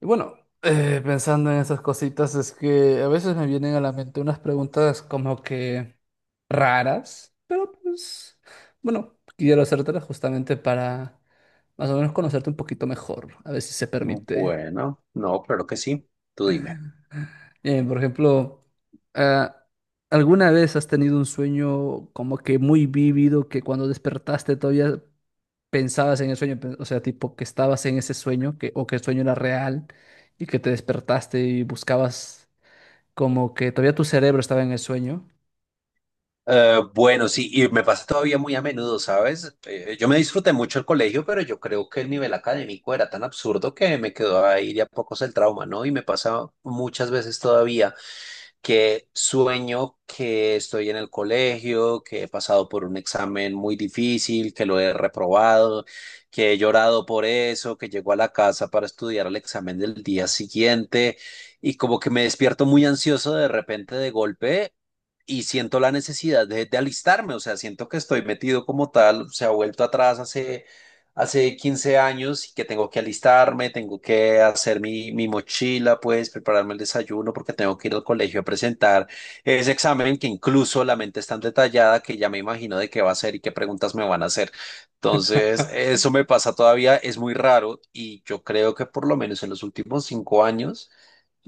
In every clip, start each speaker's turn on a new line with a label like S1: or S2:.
S1: Y bueno, pensando en esas cositas, es que a veces me vienen a la mente unas preguntas como que raras, pero pues, bueno, quiero hacértelas justamente para más o menos conocerte un poquito mejor, a ver si se permite.
S2: Bueno, no, claro que sí. Tú dime.
S1: Por ejemplo, ah, ¿alguna vez has tenido un sueño como que muy vívido que cuando despertaste todavía pensabas en el sueño? O sea, tipo que estabas en ese sueño que, o que el sueño era real y que te despertaste y buscabas como que todavía tu cerebro estaba en el sueño.
S2: Bueno, sí, y me pasa todavía muy a menudo, ¿sabes? Yo me disfruté mucho el colegio, pero yo creo que el nivel académico era tan absurdo que me quedó ahí de a pocos el trauma, ¿no? Y me pasa muchas veces todavía que sueño que estoy en el colegio, que he pasado por un examen muy difícil, que lo he reprobado, que he llorado por eso, que llego a la casa para estudiar el examen del día siguiente y como que me despierto muy ansioso de repente de golpe y siento la necesidad de alistarme, o sea, siento que estoy metido como tal, se ha vuelto atrás hace 15 años y que tengo que alistarme, tengo que hacer mi mochila, pues prepararme el desayuno porque tengo que ir al colegio a presentar ese examen, que incluso la mente es tan detallada que ya me imagino de qué va a ser y qué preguntas me van a hacer. Entonces, eso me pasa todavía, es muy raro y yo creo que por lo menos en los últimos 5 años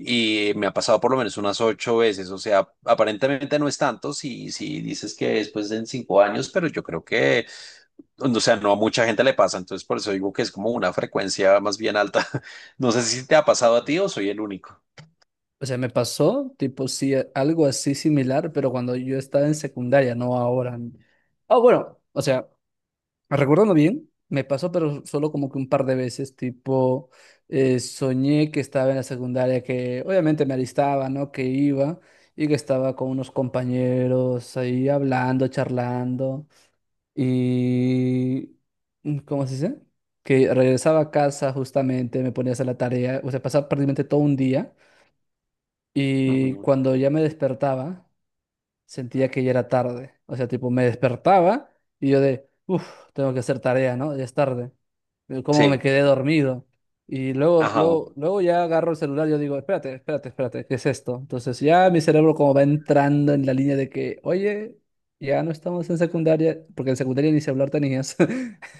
S2: y me ha pasado por lo menos unas 8 veces, o sea, aparentemente no es tanto si dices que después en 5 años, pero yo creo que, o sea, no a mucha gente le pasa, entonces por eso digo que es como una frecuencia más bien alta. No sé si te ha pasado a ti o soy el único.
S1: O sea, me pasó, tipo, sí, algo así similar, pero cuando yo estaba en secundaria, no ahora. Ah, bueno, o sea, recordando bien, me pasó, pero solo como que un par de veces, tipo, soñé que estaba en la secundaria, que obviamente me alistaba, ¿no? Que iba y que estaba con unos compañeros ahí hablando, charlando. Y, ¿cómo se dice? Que regresaba a casa justamente, me ponía a hacer la tarea, o sea, pasaba prácticamente todo un día. Y
S2: Ujú.
S1: cuando ya me despertaba, sentía que ya era tarde. O sea, tipo, me despertaba y yo de, uff, tengo que hacer tarea, ¿no? Ya es tarde. Pero ¿cómo me
S2: Sí,
S1: quedé dormido? Y luego,
S2: ajá.
S1: luego, luego ya agarro el celular y yo digo, espérate, espérate, espérate, ¿qué es esto? Entonces ya mi cerebro como va entrando en la línea de que, oye, ya no estamos en secundaria, porque en secundaria ni se hablar tenías.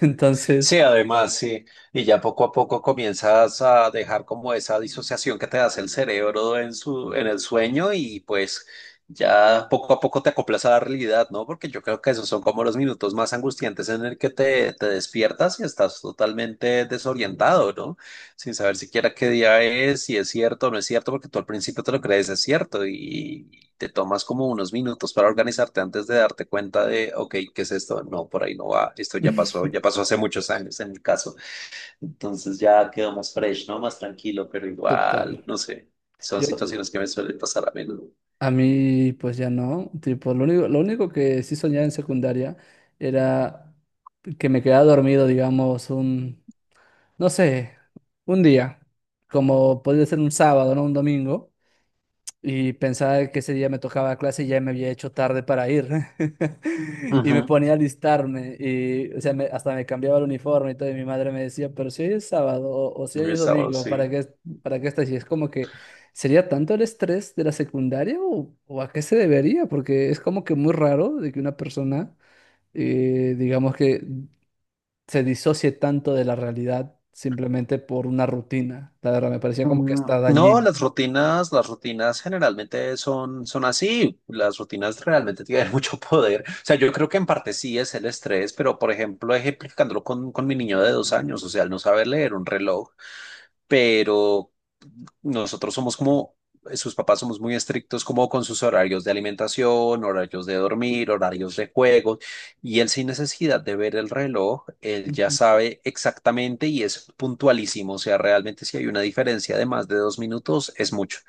S2: Sí,
S1: Entonces,
S2: además, sí. Y ya poco a poco comienzas a dejar como esa disociación que te hace el cerebro en en el sueño y pues ya poco a poco te acoplas a la realidad, ¿no? Porque yo creo que esos son como los minutos más angustiantes en el que te despiertas y estás totalmente desorientado, ¿no? Sin saber siquiera qué día es, si es cierto o no es cierto, porque tú al principio te lo crees, es cierto, y te tomas como unos minutos para organizarte antes de darte cuenta de, ok, ¿qué es esto? No, por ahí no va, esto ya pasó hace muchos años en mi caso. Entonces ya quedó más fresh, ¿no? Más tranquilo, pero
S1: total.
S2: igual, no sé, son
S1: Yo,
S2: situaciones que me suelen pasar a menudo.
S1: A mí, pues ya no. Tipo, lo único que sí soñaba en secundaria era que me quedaba dormido, digamos, un, no sé, un día, como podría ser un sábado, ¿no? Un domingo. Y pensaba que ese día me tocaba clase y ya me había hecho tarde para ir. Y me
S2: Ujú.
S1: ponía a alistarme y, o sea, hasta me cambiaba el uniforme y todo. Y mi madre me decía, pero si hoy es sábado o si hoy es
S2: Mis sábados,
S1: domingo,
S2: sí.
S1: para qué estás? Y es como que, ¿sería tanto el estrés de la secundaria o a qué se debería? Porque es como que muy raro de que una persona, digamos que se disocie tanto de la realidad simplemente por una rutina. La verdad, me parecía como que
S2: Mm,
S1: está
S2: no,
S1: dañino.
S2: las rutinas generalmente son, son así. Las rutinas realmente tienen mucho poder. O sea, yo creo que en parte sí es el estrés, pero por ejemplo, ejemplificándolo con mi niño de 2 años, o sea, él no saber leer un reloj, pero nosotros somos como, sus papás somos muy estrictos como con sus horarios de alimentación, horarios de dormir, horarios de juego, y él sin necesidad de ver el reloj, él ya
S1: Ujú.
S2: sabe exactamente y es puntualísimo, o sea, realmente si hay una diferencia de más de 2 minutos, es mucho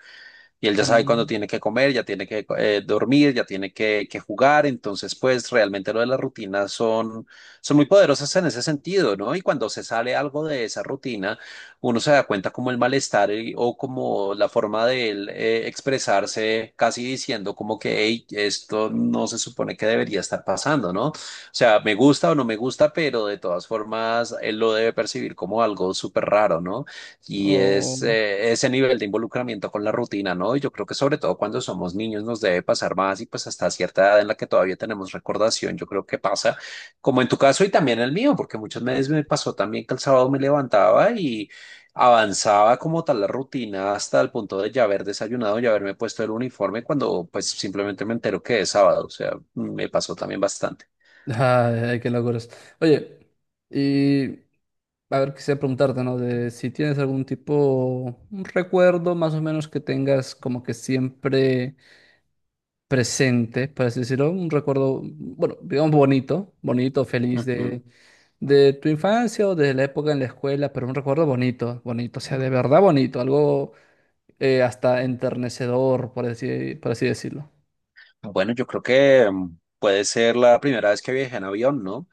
S2: y él ya sabe cuándo
S1: Mm.
S2: tiene que comer, ya tiene que dormir, ya tiene que jugar, entonces pues realmente lo de las rutinas son, son muy poderosas en ese sentido, ¿no? Y cuando se sale algo de esa rutina, uno se da cuenta como el malestar, o como la forma de él expresarse, casi diciendo como que, hey, esto no se supone que debería estar pasando, ¿no? O sea, me gusta o no me gusta, pero de todas formas él lo debe percibir como algo súper raro, ¿no? Y es
S1: Oh,
S2: ese nivel de involucramiento con la rutina, ¿no? Y yo creo que sobre todo cuando somos niños nos debe pasar más y pues hasta cierta edad en la que todavía tenemos recordación, yo creo que pasa, como en tu caso y también en el mío, porque muchas veces me pasó también que el sábado me levantaba y avanzaba como tal la rutina hasta el punto de ya haber desayunado, ya haberme puesto el uniforme cuando pues simplemente me entero que es sábado, o sea, me pasó también bastante.
S1: ay, ay, qué locuras. Oye, y a ver, quisiera preguntarte, ¿no? De si tienes algún tipo, un recuerdo más o menos que tengas como que siempre presente, por así decirlo, un recuerdo, bueno, digamos bonito, bonito, feliz
S2: Ujú.
S1: de tu infancia o de la época en la escuela, pero un recuerdo bonito, bonito, o sea, de verdad bonito, algo hasta enternecedor, por así decirlo.
S2: Bueno, yo creo que mm, puede ser la primera vez que viajé en avión, ¿no?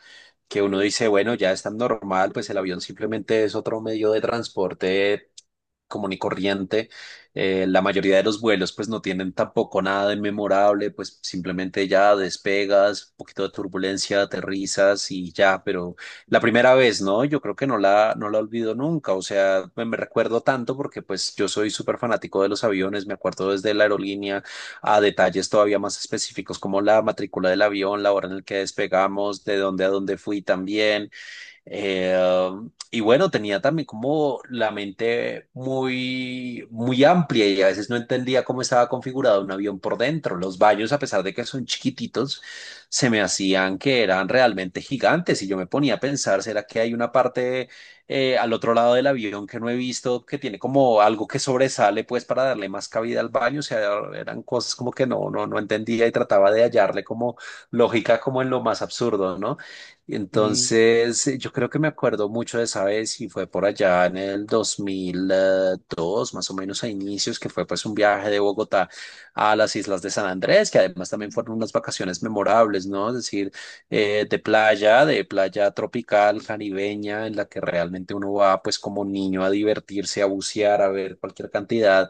S2: Que uno dice, bueno, ya es tan normal, pues el avión simplemente es otro medio de transporte común y corriente. La mayoría de los vuelos pues no tienen tampoco nada de memorable, pues simplemente ya despegas, un poquito de turbulencia, aterrizas y ya, pero la primera vez, ¿no? Yo creo que no la olvido nunca, o sea, me recuerdo tanto porque pues yo soy súper fanático de los aviones, me acuerdo desde la aerolínea a detalles todavía más específicos como la matrícula del avión, la hora en la que despegamos, de dónde a dónde fui también eh, y bueno, tenía también como la mente muy, muy amplia y a veces no entendía cómo estaba configurado un avión por dentro. Los baños, a pesar de que son chiquititos, se me hacían que eran realmente gigantes y yo me ponía a pensar, ¿será que hay una parte al otro lado del avión que no he visto, que tiene como algo que sobresale pues para darle más cabida al baño? O sea, eran cosas como que no, no, no entendía y trataba de hallarle como lógica como en lo más absurdo, ¿no? Y
S1: Mm,
S2: entonces, yo creo que me acuerdo mucho de esa vez y fue por allá en el dos mil dos más o menos a inicios, que fue pues un viaje de Bogotá a las islas de San Andrés, que además también fueron unas vacaciones memorables, ¿no? Es decir, de playa tropical, caribeña, en la que realmente uno va pues como niño a divertirse, a bucear, a ver cualquier cantidad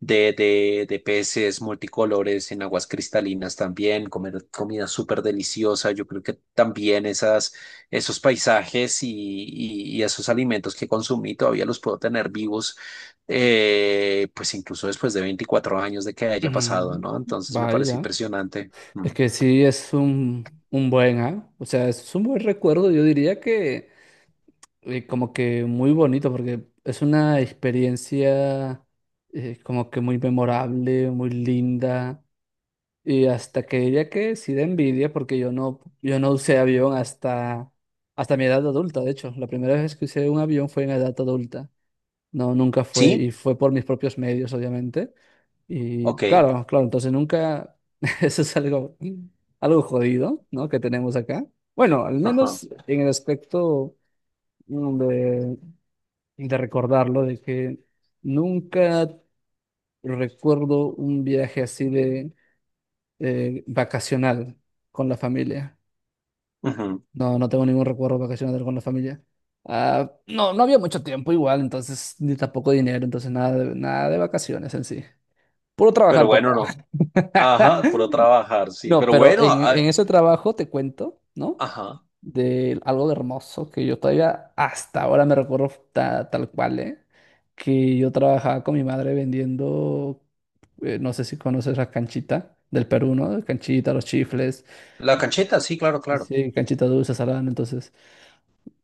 S2: de peces multicolores en aguas cristalinas también, comer comida súper deliciosa. Yo creo que también esos paisajes y esos alimentos que consumí todavía los puedo tener vivos, pues incluso después de 24 años de que haya pasado,
S1: mm,
S2: ¿no? Entonces me parece
S1: Vaya.
S2: impresionante. Mm.
S1: Es que sí es un buen, ¿ah? O sea, es un buen recuerdo, yo diría que como que muy bonito, porque es una experiencia como que muy memorable, muy linda, y hasta que diría que sí da envidia, porque yo no usé avión hasta, hasta mi edad adulta, de hecho, la primera vez que usé un avión fue en edad adulta, no, nunca fue,
S2: ¿Sí?
S1: y fue por mis propios medios, obviamente. Y
S2: Ok.
S1: claro, claro, entonces nunca, eso es algo, algo jodido, ¿no? Que tenemos acá. Bueno, al
S2: Ajá.
S1: menos en el aspecto mm, de, de, recordarlo, de que nunca recuerdo un viaje así de vacacional con la familia.
S2: Ujú.
S1: No, no tengo ningún recuerdo vacacional con la familia. Ah, no, no había mucho tiempo igual, entonces, ni tampoco dinero, entonces nada de, nada de vacaciones en sí. Puro
S2: Pero
S1: trabajar, papá.
S2: bueno, no. Ajá, puro trabajar, sí.
S1: No,
S2: Pero
S1: pero
S2: bueno,
S1: en ese trabajo te cuento, ¿no?
S2: ajá.
S1: De algo de hermoso que yo todavía hasta ahora me recuerdo tal cual, ¿eh? Que yo trabajaba con mi madre vendiendo, no sé si conoces la canchita del Perú, ¿no? Canchita, los chifles,
S2: La cancheta, sí, claro, claro.
S1: sí, canchita dulce, salada, ¿no? Entonces,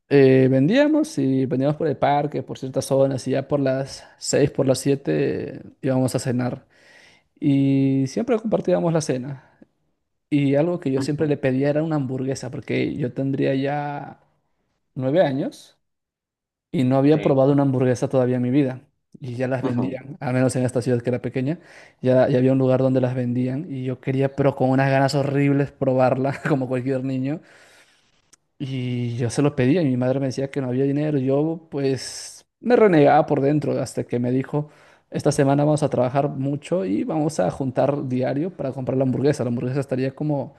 S1: vendíamos y vendíamos por el parque, por ciertas zonas y ya por las 6, por las 7 íbamos a cenar. Y siempre compartíamos la cena. Y algo que yo siempre le
S2: Ujú.
S1: pedía era una hamburguesa, porque yo tendría ya 9 años y no había
S2: Sí.
S1: probado una hamburguesa todavía en mi vida. Y ya las
S2: Ujú.
S1: vendían, al menos en esta ciudad que era pequeña, ya, ya había un lugar donde las vendían y yo quería, pero con unas ganas horribles, probarla como cualquier niño. Y yo se lo pedía y mi madre me decía que no había dinero. Yo pues me renegaba por dentro hasta que me dijo, esta semana vamos a trabajar mucho y vamos a juntar diario para comprar la hamburguesa. La hamburguesa estaría como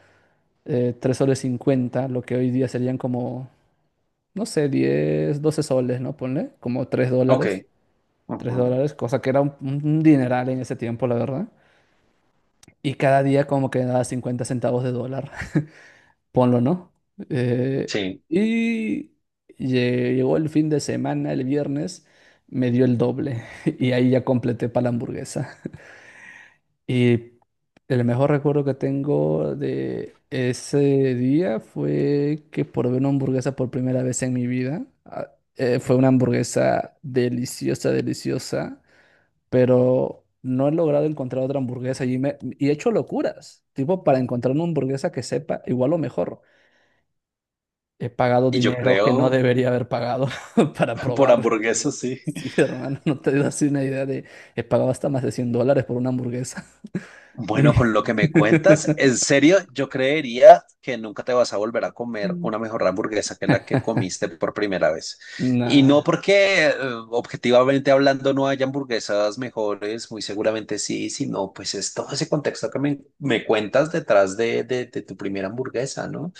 S1: 3 soles cincuenta lo que hoy día serían como, no sé, 10 12 soles, ¿no? Ponle, como
S2: Ok,
S1: 3
S2: ujú,
S1: dólares, cosa que era un dineral en ese tiempo, la verdad. Y cada día como que daba 50 centavos de dólar, ponlo, ¿no? Eh,
S2: sí.
S1: y llegó el fin de semana, el viernes, me dio el doble y ahí ya completé para la hamburguesa. Y el mejor recuerdo que tengo de ese día fue que probé una hamburguesa por primera vez en mi vida. Ah, fue una hamburguesa deliciosa, deliciosa, pero no he logrado encontrar otra hamburguesa y, y he hecho locuras, tipo para encontrar una hamburguesa que sepa igual o mejor. He pagado
S2: Y yo
S1: dinero que no
S2: creo,
S1: debería haber pagado para
S2: por
S1: probar.
S2: hamburguesas, sí.
S1: Sí, hermano, no te das una idea de... He pagado hasta más de 100 dólares por una hamburguesa. Y-
S2: Bueno, con lo que me cuentas, en serio, yo creería que nunca te vas a volver a comer una mejor hamburguesa que la que comiste por primera vez. Y no
S1: Nah.
S2: porque, objetivamente hablando, no haya hamburguesas mejores, muy seguramente sí, sino pues es todo ese contexto que me cuentas detrás de, de tu primera hamburguesa, ¿no?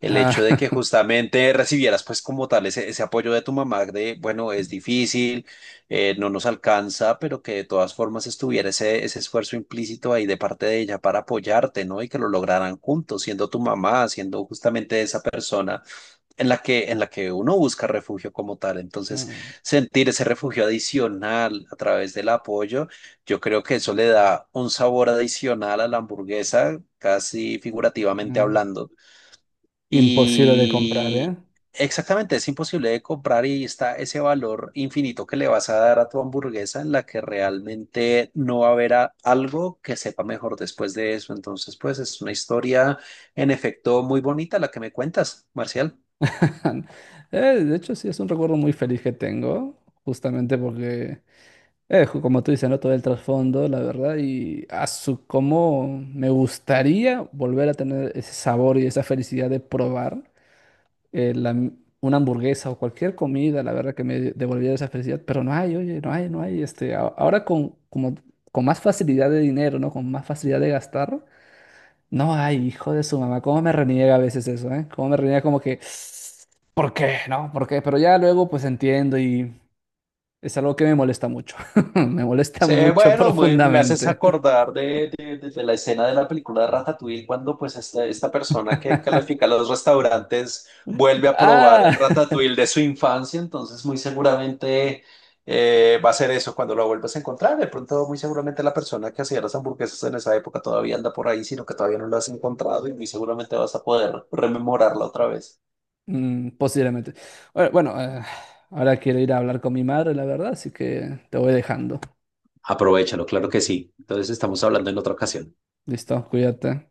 S2: El hecho de que
S1: Ah,
S2: justamente recibieras pues como tal ese apoyo de tu mamá de, bueno, es difícil, no nos alcanza, pero que de todas formas estuviera ese esfuerzo implícito ahí de parte de ella para apoyarte, ¿no? Y que lo lograran juntos, siendo tu mamá, siendo justamente esa persona en la que uno busca refugio como tal. Entonces,
S1: no,
S2: sentir ese refugio adicional a través del apoyo, yo creo que eso le da un sabor adicional a la hamburguesa, casi figurativamente
S1: no.
S2: hablando.
S1: Imposible de comprar, ¿eh?
S2: Y exactamente, es imposible de comprar, y está ese valor infinito que le vas a dar a tu hamburguesa en la que realmente no va a haber algo que sepa mejor después de eso. Entonces, pues es una historia en efecto muy bonita la que me cuentas, Marcial.
S1: Eh, de hecho, sí, es un recuerdo muy feliz que tengo, justamente porque, como tú dices, ¿no? Todo el trasfondo, la verdad, y a su cómo me gustaría volver a tener ese sabor y esa felicidad de probar eh, la m- una hamburguesa o cualquier comida, la verdad, que me devolviera esa felicidad, pero no hay, oye, no hay, ahora con, como, con más facilidad de dinero, ¿no? Con más facilidad de gastar. No, ay, hijo de su mamá, cómo me reniega a veces eso, ¿eh? Cómo me reniega como que, ¿por qué? No, ¿por qué? Pero ya luego pues entiendo y es algo que me molesta mucho. Me molesta
S2: Sí,
S1: mucho
S2: bueno, me haces
S1: profundamente.
S2: acordar de la escena de la película de Ratatouille cuando pues esta persona que califica los restaurantes vuelve a probar
S1: Ah,
S2: el Ratatouille de su infancia, entonces muy seguramente va a ser eso cuando lo vuelvas a encontrar. De pronto muy seguramente la persona que hacía las hamburguesas en esa época todavía anda por ahí, sino que todavía no lo has encontrado y muy seguramente vas a poder rememorarla otra vez.
S1: posiblemente. Bueno, bueno, ahora quiero ir a hablar con mi madre, la verdad, así que te voy dejando.
S2: Aprovechalo, claro que sí. Entonces estamos hablando en otra ocasión.
S1: Listo, cuídate.